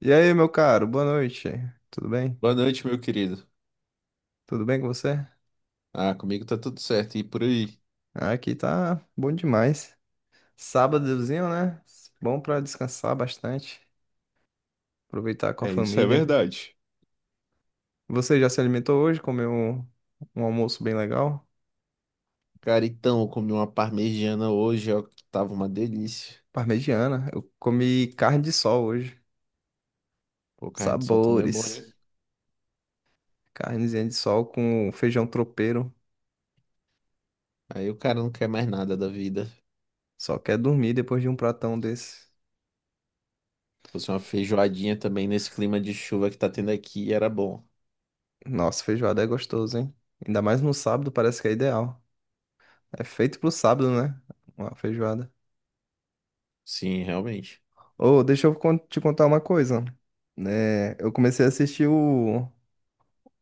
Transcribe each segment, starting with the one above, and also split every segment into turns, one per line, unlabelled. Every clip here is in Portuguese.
E aí, meu caro, boa noite. Tudo bem?
Boa noite, meu querido.
Tudo bem com você?
Ah, comigo tá tudo certo e por aí.
Ah, aqui tá bom demais. Sábadozinho, né? Bom pra descansar bastante, aproveitar com a
É, isso é
família.
verdade.
Você já se alimentou hoje? Comeu um almoço bem legal?
Cara, então, eu comi uma parmegiana hoje, ó, que tava uma delícia.
Parmegiana. Eu comi carne de sol hoje.
Pô, carne de sol também é bom,
Sabores.
hein?
Carnezinha de sol com feijão tropeiro.
Aí o cara não quer mais nada da vida. Se
Só quer dormir depois de um pratão desse.
Fosse uma feijoadinha também nesse clima de chuva que tá tendo aqui, era bom.
Nossa, feijoada é gostoso, hein? Ainda mais no sábado, parece que é ideal. É feito pro sábado, né? Uma feijoada.
Sim, realmente.
Ô, deixa eu te contar uma coisa. Né? Eu comecei a assistir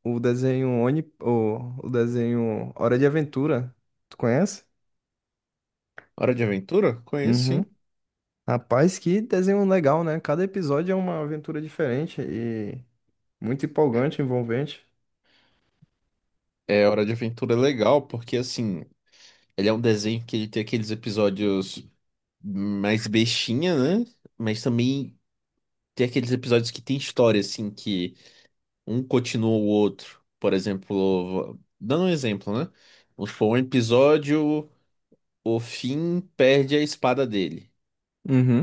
o desenho Oni, o desenho Hora de Aventura. Tu conhece?
Hora de Aventura? Conheço,
Uhum.
sim.
Rapaz, que desenho legal, né? Cada episódio é uma aventura diferente e muito empolgante, envolvente.
É, Hora de Aventura é legal porque, assim, ele é um desenho que ele tem aqueles episódios mais bestinha, né? Mas também tem aqueles episódios que tem história, assim, que um continua o outro. Por exemplo, dando um exemplo, né? Vamos supor, um episódio, o Finn perde a espada dele.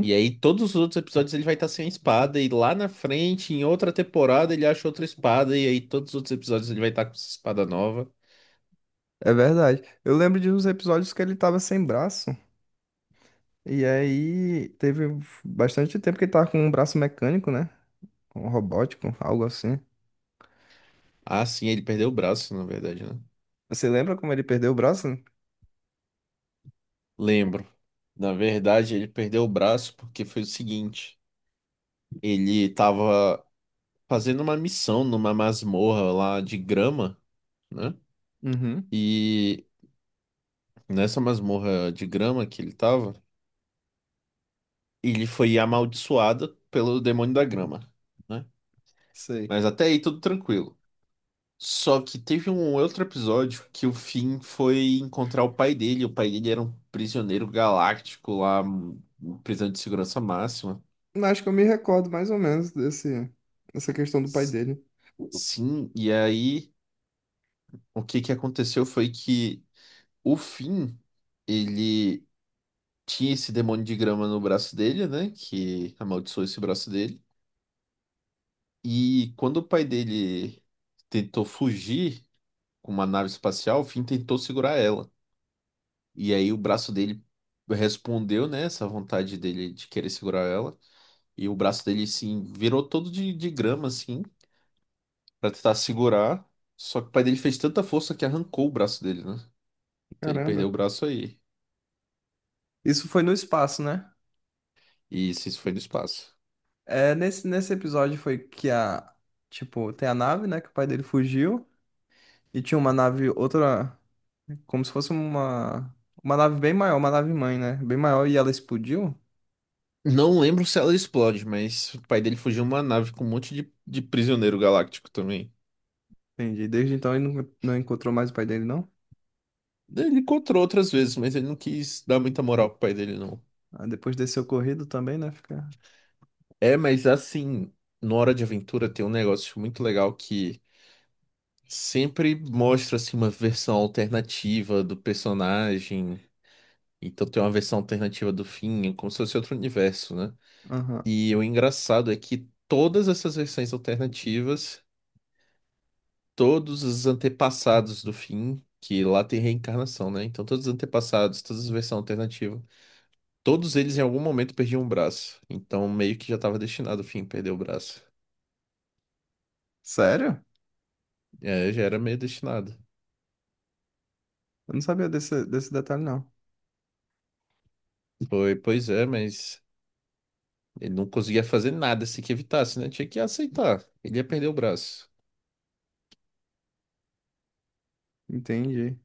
E aí, todos os outros episódios ele vai estar sem a espada, e lá na frente, em outra temporada, ele acha outra espada, e aí todos os outros episódios ele vai estar com essa espada nova.
É verdade. Eu lembro de uns episódios que ele tava sem braço. E aí teve bastante tempo que ele tava com um braço mecânico, né? Um robótico, algo assim.
Ah, sim, ele perdeu o braço, na verdade, né?
Você lembra como ele perdeu o braço?
Lembro. Na verdade, ele perdeu o braço porque foi o seguinte: ele tava fazendo uma missão numa masmorra lá de grama, né?
Uhum.
e Nessa masmorra de grama que ele tava, ele foi amaldiçoado pelo demônio da grama, né?
Sei.
Mas até aí tudo tranquilo. Só que teve um outro episódio que o Finn foi encontrar o pai dele. O pai dele era um prisioneiro galáctico lá, um prisão de segurança máxima.
Acho que eu me recordo mais ou menos dessa questão do pai
S-
dele.
Sim, e aí o que que aconteceu foi que o Finn, ele tinha esse demônio de grama no braço dele, né? Que amaldiçoou esse braço dele. E quando o pai dele tentou fugir com uma nave espacial, o Finn tentou segurar ela. E aí o braço dele respondeu, né, essa vontade dele de querer segurar ela. E o braço dele, assim, virou todo de grama, assim, pra tentar segurar. Só que o pai dele fez tanta força que arrancou o braço dele, né? Então ele
Caramba.
perdeu o braço aí.
Isso foi no espaço, né?
E isso foi no espaço.
É, nesse episódio foi que a. Tipo, tem a nave, né? Que o pai dele fugiu. E tinha uma nave, outra. Como se fosse uma. Uma nave bem maior, uma nave mãe, né? Bem maior e ela explodiu.
Não lembro se ela explode, mas o pai dele fugiu uma nave com um monte de prisioneiro galáctico também.
Entendi. Desde então ele não encontrou mais o pai dele, não?
Ele encontrou outras vezes, mas ele não quis dar muita moral pro pai dele, não.
Ah, depois desse ocorrido também, né? Fica.
É, mas assim, no Hora de Aventura tem um negócio muito legal que sempre mostra, assim, uma versão alternativa do personagem. Então tem uma versão alternativa do fim, é como se fosse outro universo, né?
Aham.
E o engraçado é que todas essas versões alternativas, todos os antepassados do fim, que lá tem reencarnação, né? Então todos os antepassados, todas as versões alternativas, todos eles em algum momento perdiam um braço. Então meio que já estava destinado, o fim, perder o braço.
Sério?
É, já era meio destinado.
Eu não sabia desse detalhe, não.
Foi, pois é, mas ele não conseguia fazer nada se que evitasse, né? Tinha que aceitar. Ele ia perder o braço.
Entendi.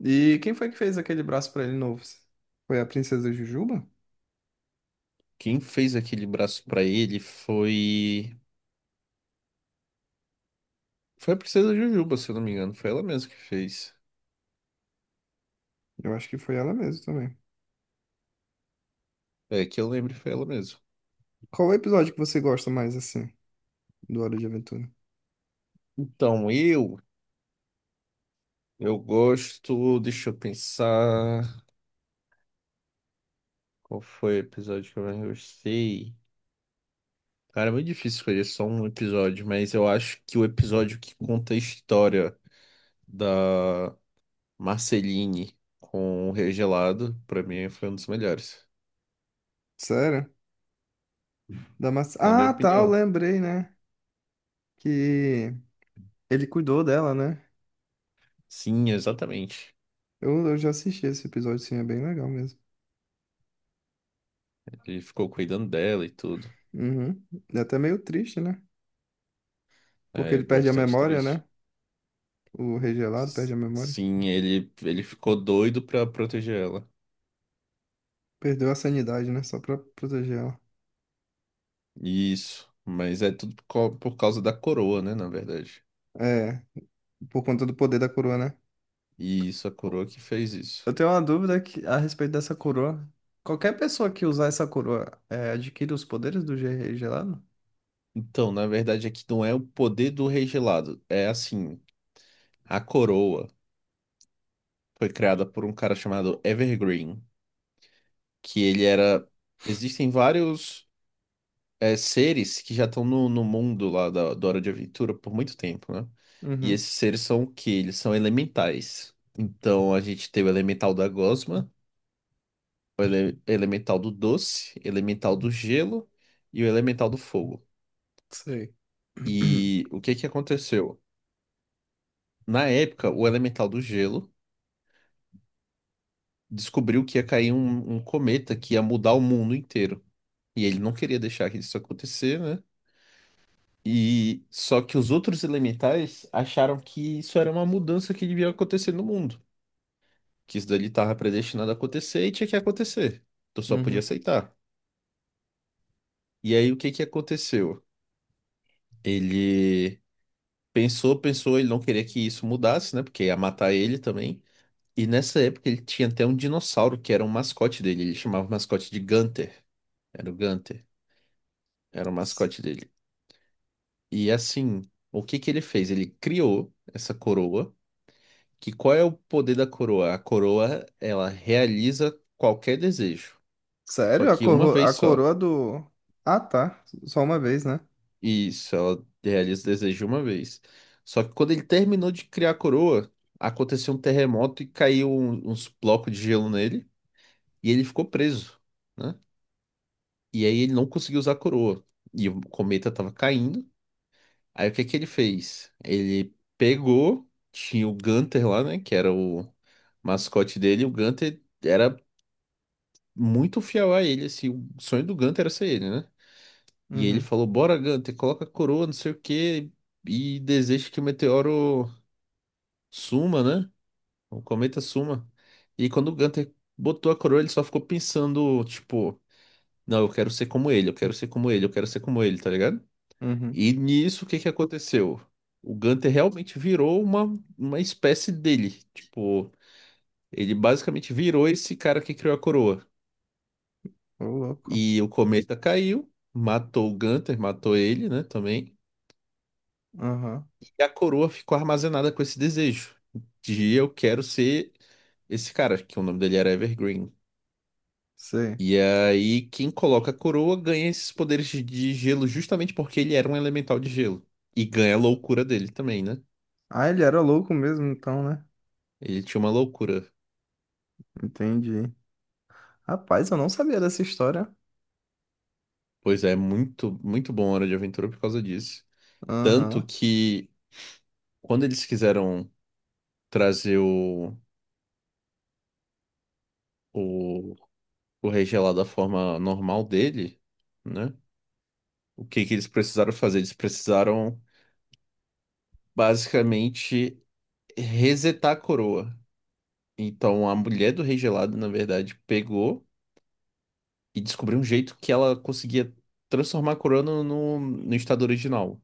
E quem foi que fez aquele braço pra ele novo? Foi a Princesa Jujuba?
Quem fez aquele braço pra ele foi a princesa Jujuba, se eu não me engano, foi ela mesma que fez.
Eu acho que foi ela mesmo também.
É, que eu lembro foi ela mesma.
Qual o episódio que você gosta mais, assim, do Hora de Aventura?
Então, eu gosto, deixa eu pensar, qual foi o episódio que eu mais gostei? Cara, é muito difícil escolher só um episódio, mas eu acho que o episódio que conta a história da Marceline com o Regelado, pra mim, foi um dos melhores,
Sério? Da maçã.
na minha
Ah, tá, eu
opinião.
lembrei, né? Que ele cuidou dela, né?
Sim, exatamente.
Eu já assisti esse episódio, sim, é bem legal mesmo.
Ele ficou cuidando dela e tudo.
Uhum. É até meio triste, né? Porque
É
ele perde a
bastante
memória,
triste.
né? O Rei Gelado perde a memória.
Sim, ele ficou doido pra proteger ela.
Perdeu a sanidade, né? Só pra proteger ela.
Isso, mas é tudo por causa da coroa, né, na verdade.
É, por conta do poder da coroa, né?
E isso, a coroa que fez isso.
Eu tenho uma dúvida que- a respeito dessa coroa. Qualquer pessoa que usar essa coroa é, adquire os poderes do Rei Gelado?
Então, na verdade, aqui não é o poder do rei gelado. É assim, a coroa foi criada por um cara chamado Evergreen, que ele era. Existem vários, é, seres que já estão no mundo lá da Hora de Aventura por muito tempo, né? E
Uhum,
esses seres são o quê? Eles são elementais. Então a gente tem o elemental da gosma, elemental do doce, elemental do gelo e o elemental do fogo.
sei.
E o que que aconteceu? Na época, o elemental do gelo descobriu que ia cair um cometa que ia mudar o mundo inteiro. E ele não queria deixar que isso acontecer, né? E só que os outros elementais acharam que isso era uma mudança que devia acontecer no mundo, que isso dali estava predestinado a acontecer e tinha que acontecer. Tu só podia
Uhum.
aceitar. E aí o que que aconteceu? Ele pensou, pensou, ele não queria que isso mudasse, né? Porque ia matar ele também. E nessa época ele tinha até um dinossauro que era um mascote dele, ele chamava o mascote de Gunter. Era o Gunter, era o
S-
mascote dele. E assim, o que que ele fez? Ele criou essa coroa, que qual é o poder da coroa? A coroa, ela realiza qualquer desejo, só
Sério? A,
que uma
corro- a
vez só.
coroa do. Ah, tá. Só uma vez, né?
Isso, ela realiza o desejo uma vez. Só que quando ele terminou de criar a coroa, aconteceu um terremoto e caiu uns blocos de gelo nele, e ele ficou preso, né? E aí ele não conseguiu usar a coroa. E o cometa estava caindo. Aí o que que ele fez? Ele pegou, tinha o Gunter lá, né? Que era o mascote dele. O Gunter era muito fiel a ele, assim. O sonho do Gunter era ser ele, né? E ele
Uhum,
falou: Bora, Gunter, coloca a coroa, não sei o quê, e deseja que o meteoro suma, né? O cometa suma. E quando o Gunter botou a coroa, ele só ficou pensando, tipo, não, eu quero ser como ele, eu quero ser como ele, eu quero ser como ele, tá ligado?
uhum.
E nisso, o que que aconteceu? O Gunter realmente virou uma espécie dele. Tipo, ele basicamente virou esse cara que criou a coroa.
Ô, louco.
E o cometa caiu, matou o Gunter, matou ele, né, também.
Aham.
E a coroa ficou armazenada com esse desejo de eu quero ser esse cara, que o nome dele era Evergreen.
Sei.
E aí, quem coloca a coroa ganha esses poderes de gelo justamente porque ele era um elemental de gelo. E ganha a loucura dele também, né?
Ah, ele era louco mesmo, então, né?
Ele tinha uma loucura.
Entendi. Rapaz, eu não sabia dessa história.
Pois é, muito, muito bom Hora de Aventura por causa disso. Tanto
Aham.
que quando eles quiseram trazer o, o Rei Gelado da forma normal dele, né? O que que eles precisaram fazer? Eles precisaram basicamente resetar a coroa. Então a mulher do Rei Gelado, na verdade, pegou e descobriu um jeito que ela conseguia transformar a coroa no estado original.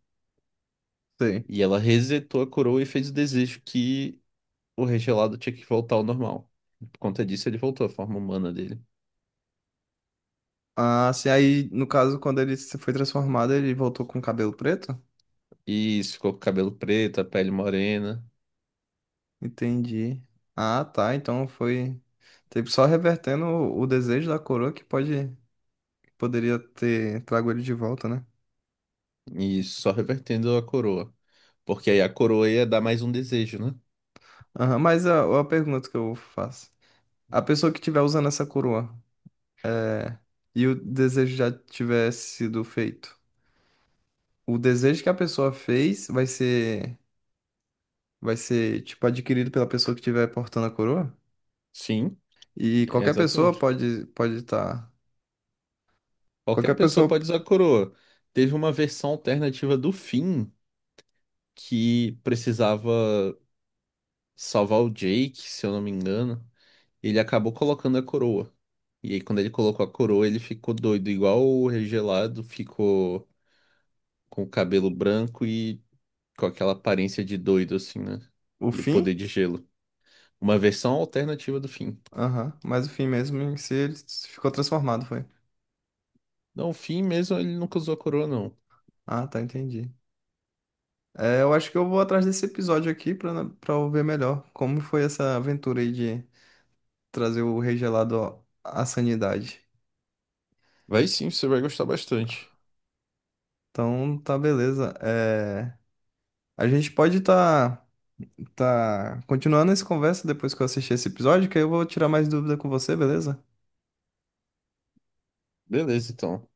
Sei.
E ela resetou a coroa e fez o desejo que o regelado tinha que voltar ao normal. Por conta disso, ele voltou à forma humana dele.
Ah, assim, aí, no caso, quando ele se foi transformado, ele voltou com o cabelo preto?
E isso ficou com o cabelo preto, a pele morena,
Entendi. Ah, tá. Então foi tipo, só revertendo o desejo da coroa que poderia ter trago ele de volta, né?
e isso, só revertendo a coroa. Porque aí a coroa ia dar mais um desejo, né?
Aham, mas a pergunta que eu faço. A pessoa que estiver usando essa coroa e o desejo já tiver sido feito, o desejo que a pessoa fez vai ser tipo adquirido pela pessoa que estiver portando a coroa?
Sim,
E
é
qualquer pessoa
exatamente.
pode estar qualquer
Qualquer pessoa
pessoa
pode usar a coroa. Teve uma versão alternativa do Finn que precisava salvar o Jake, se eu não me engano. Ele acabou colocando a coroa. E aí, quando ele colocou a coroa, ele ficou doido, igual o regelado ficou com o cabelo branco e com aquela aparência de doido, assim, né?
o
E o poder
fim?
de gelo. Uma versão alternativa do Finn.
Aham, mas o fim mesmo em si ele ficou transformado, foi.
Não, o Finn mesmo, ele nunca usou a coroa, não.
Ah, tá, entendi. É, eu acho que eu vou atrás desse episódio aqui pra para ver melhor como foi essa aventura aí de trazer o rei gelado à sanidade.
Vai, sim, você vai gostar bastante.
Então, tá beleza. É, a gente pode tá, tá continuando essa conversa depois que eu assistir esse episódio, que aí eu vou tirar mais dúvida com você, beleza?
Beleza, então.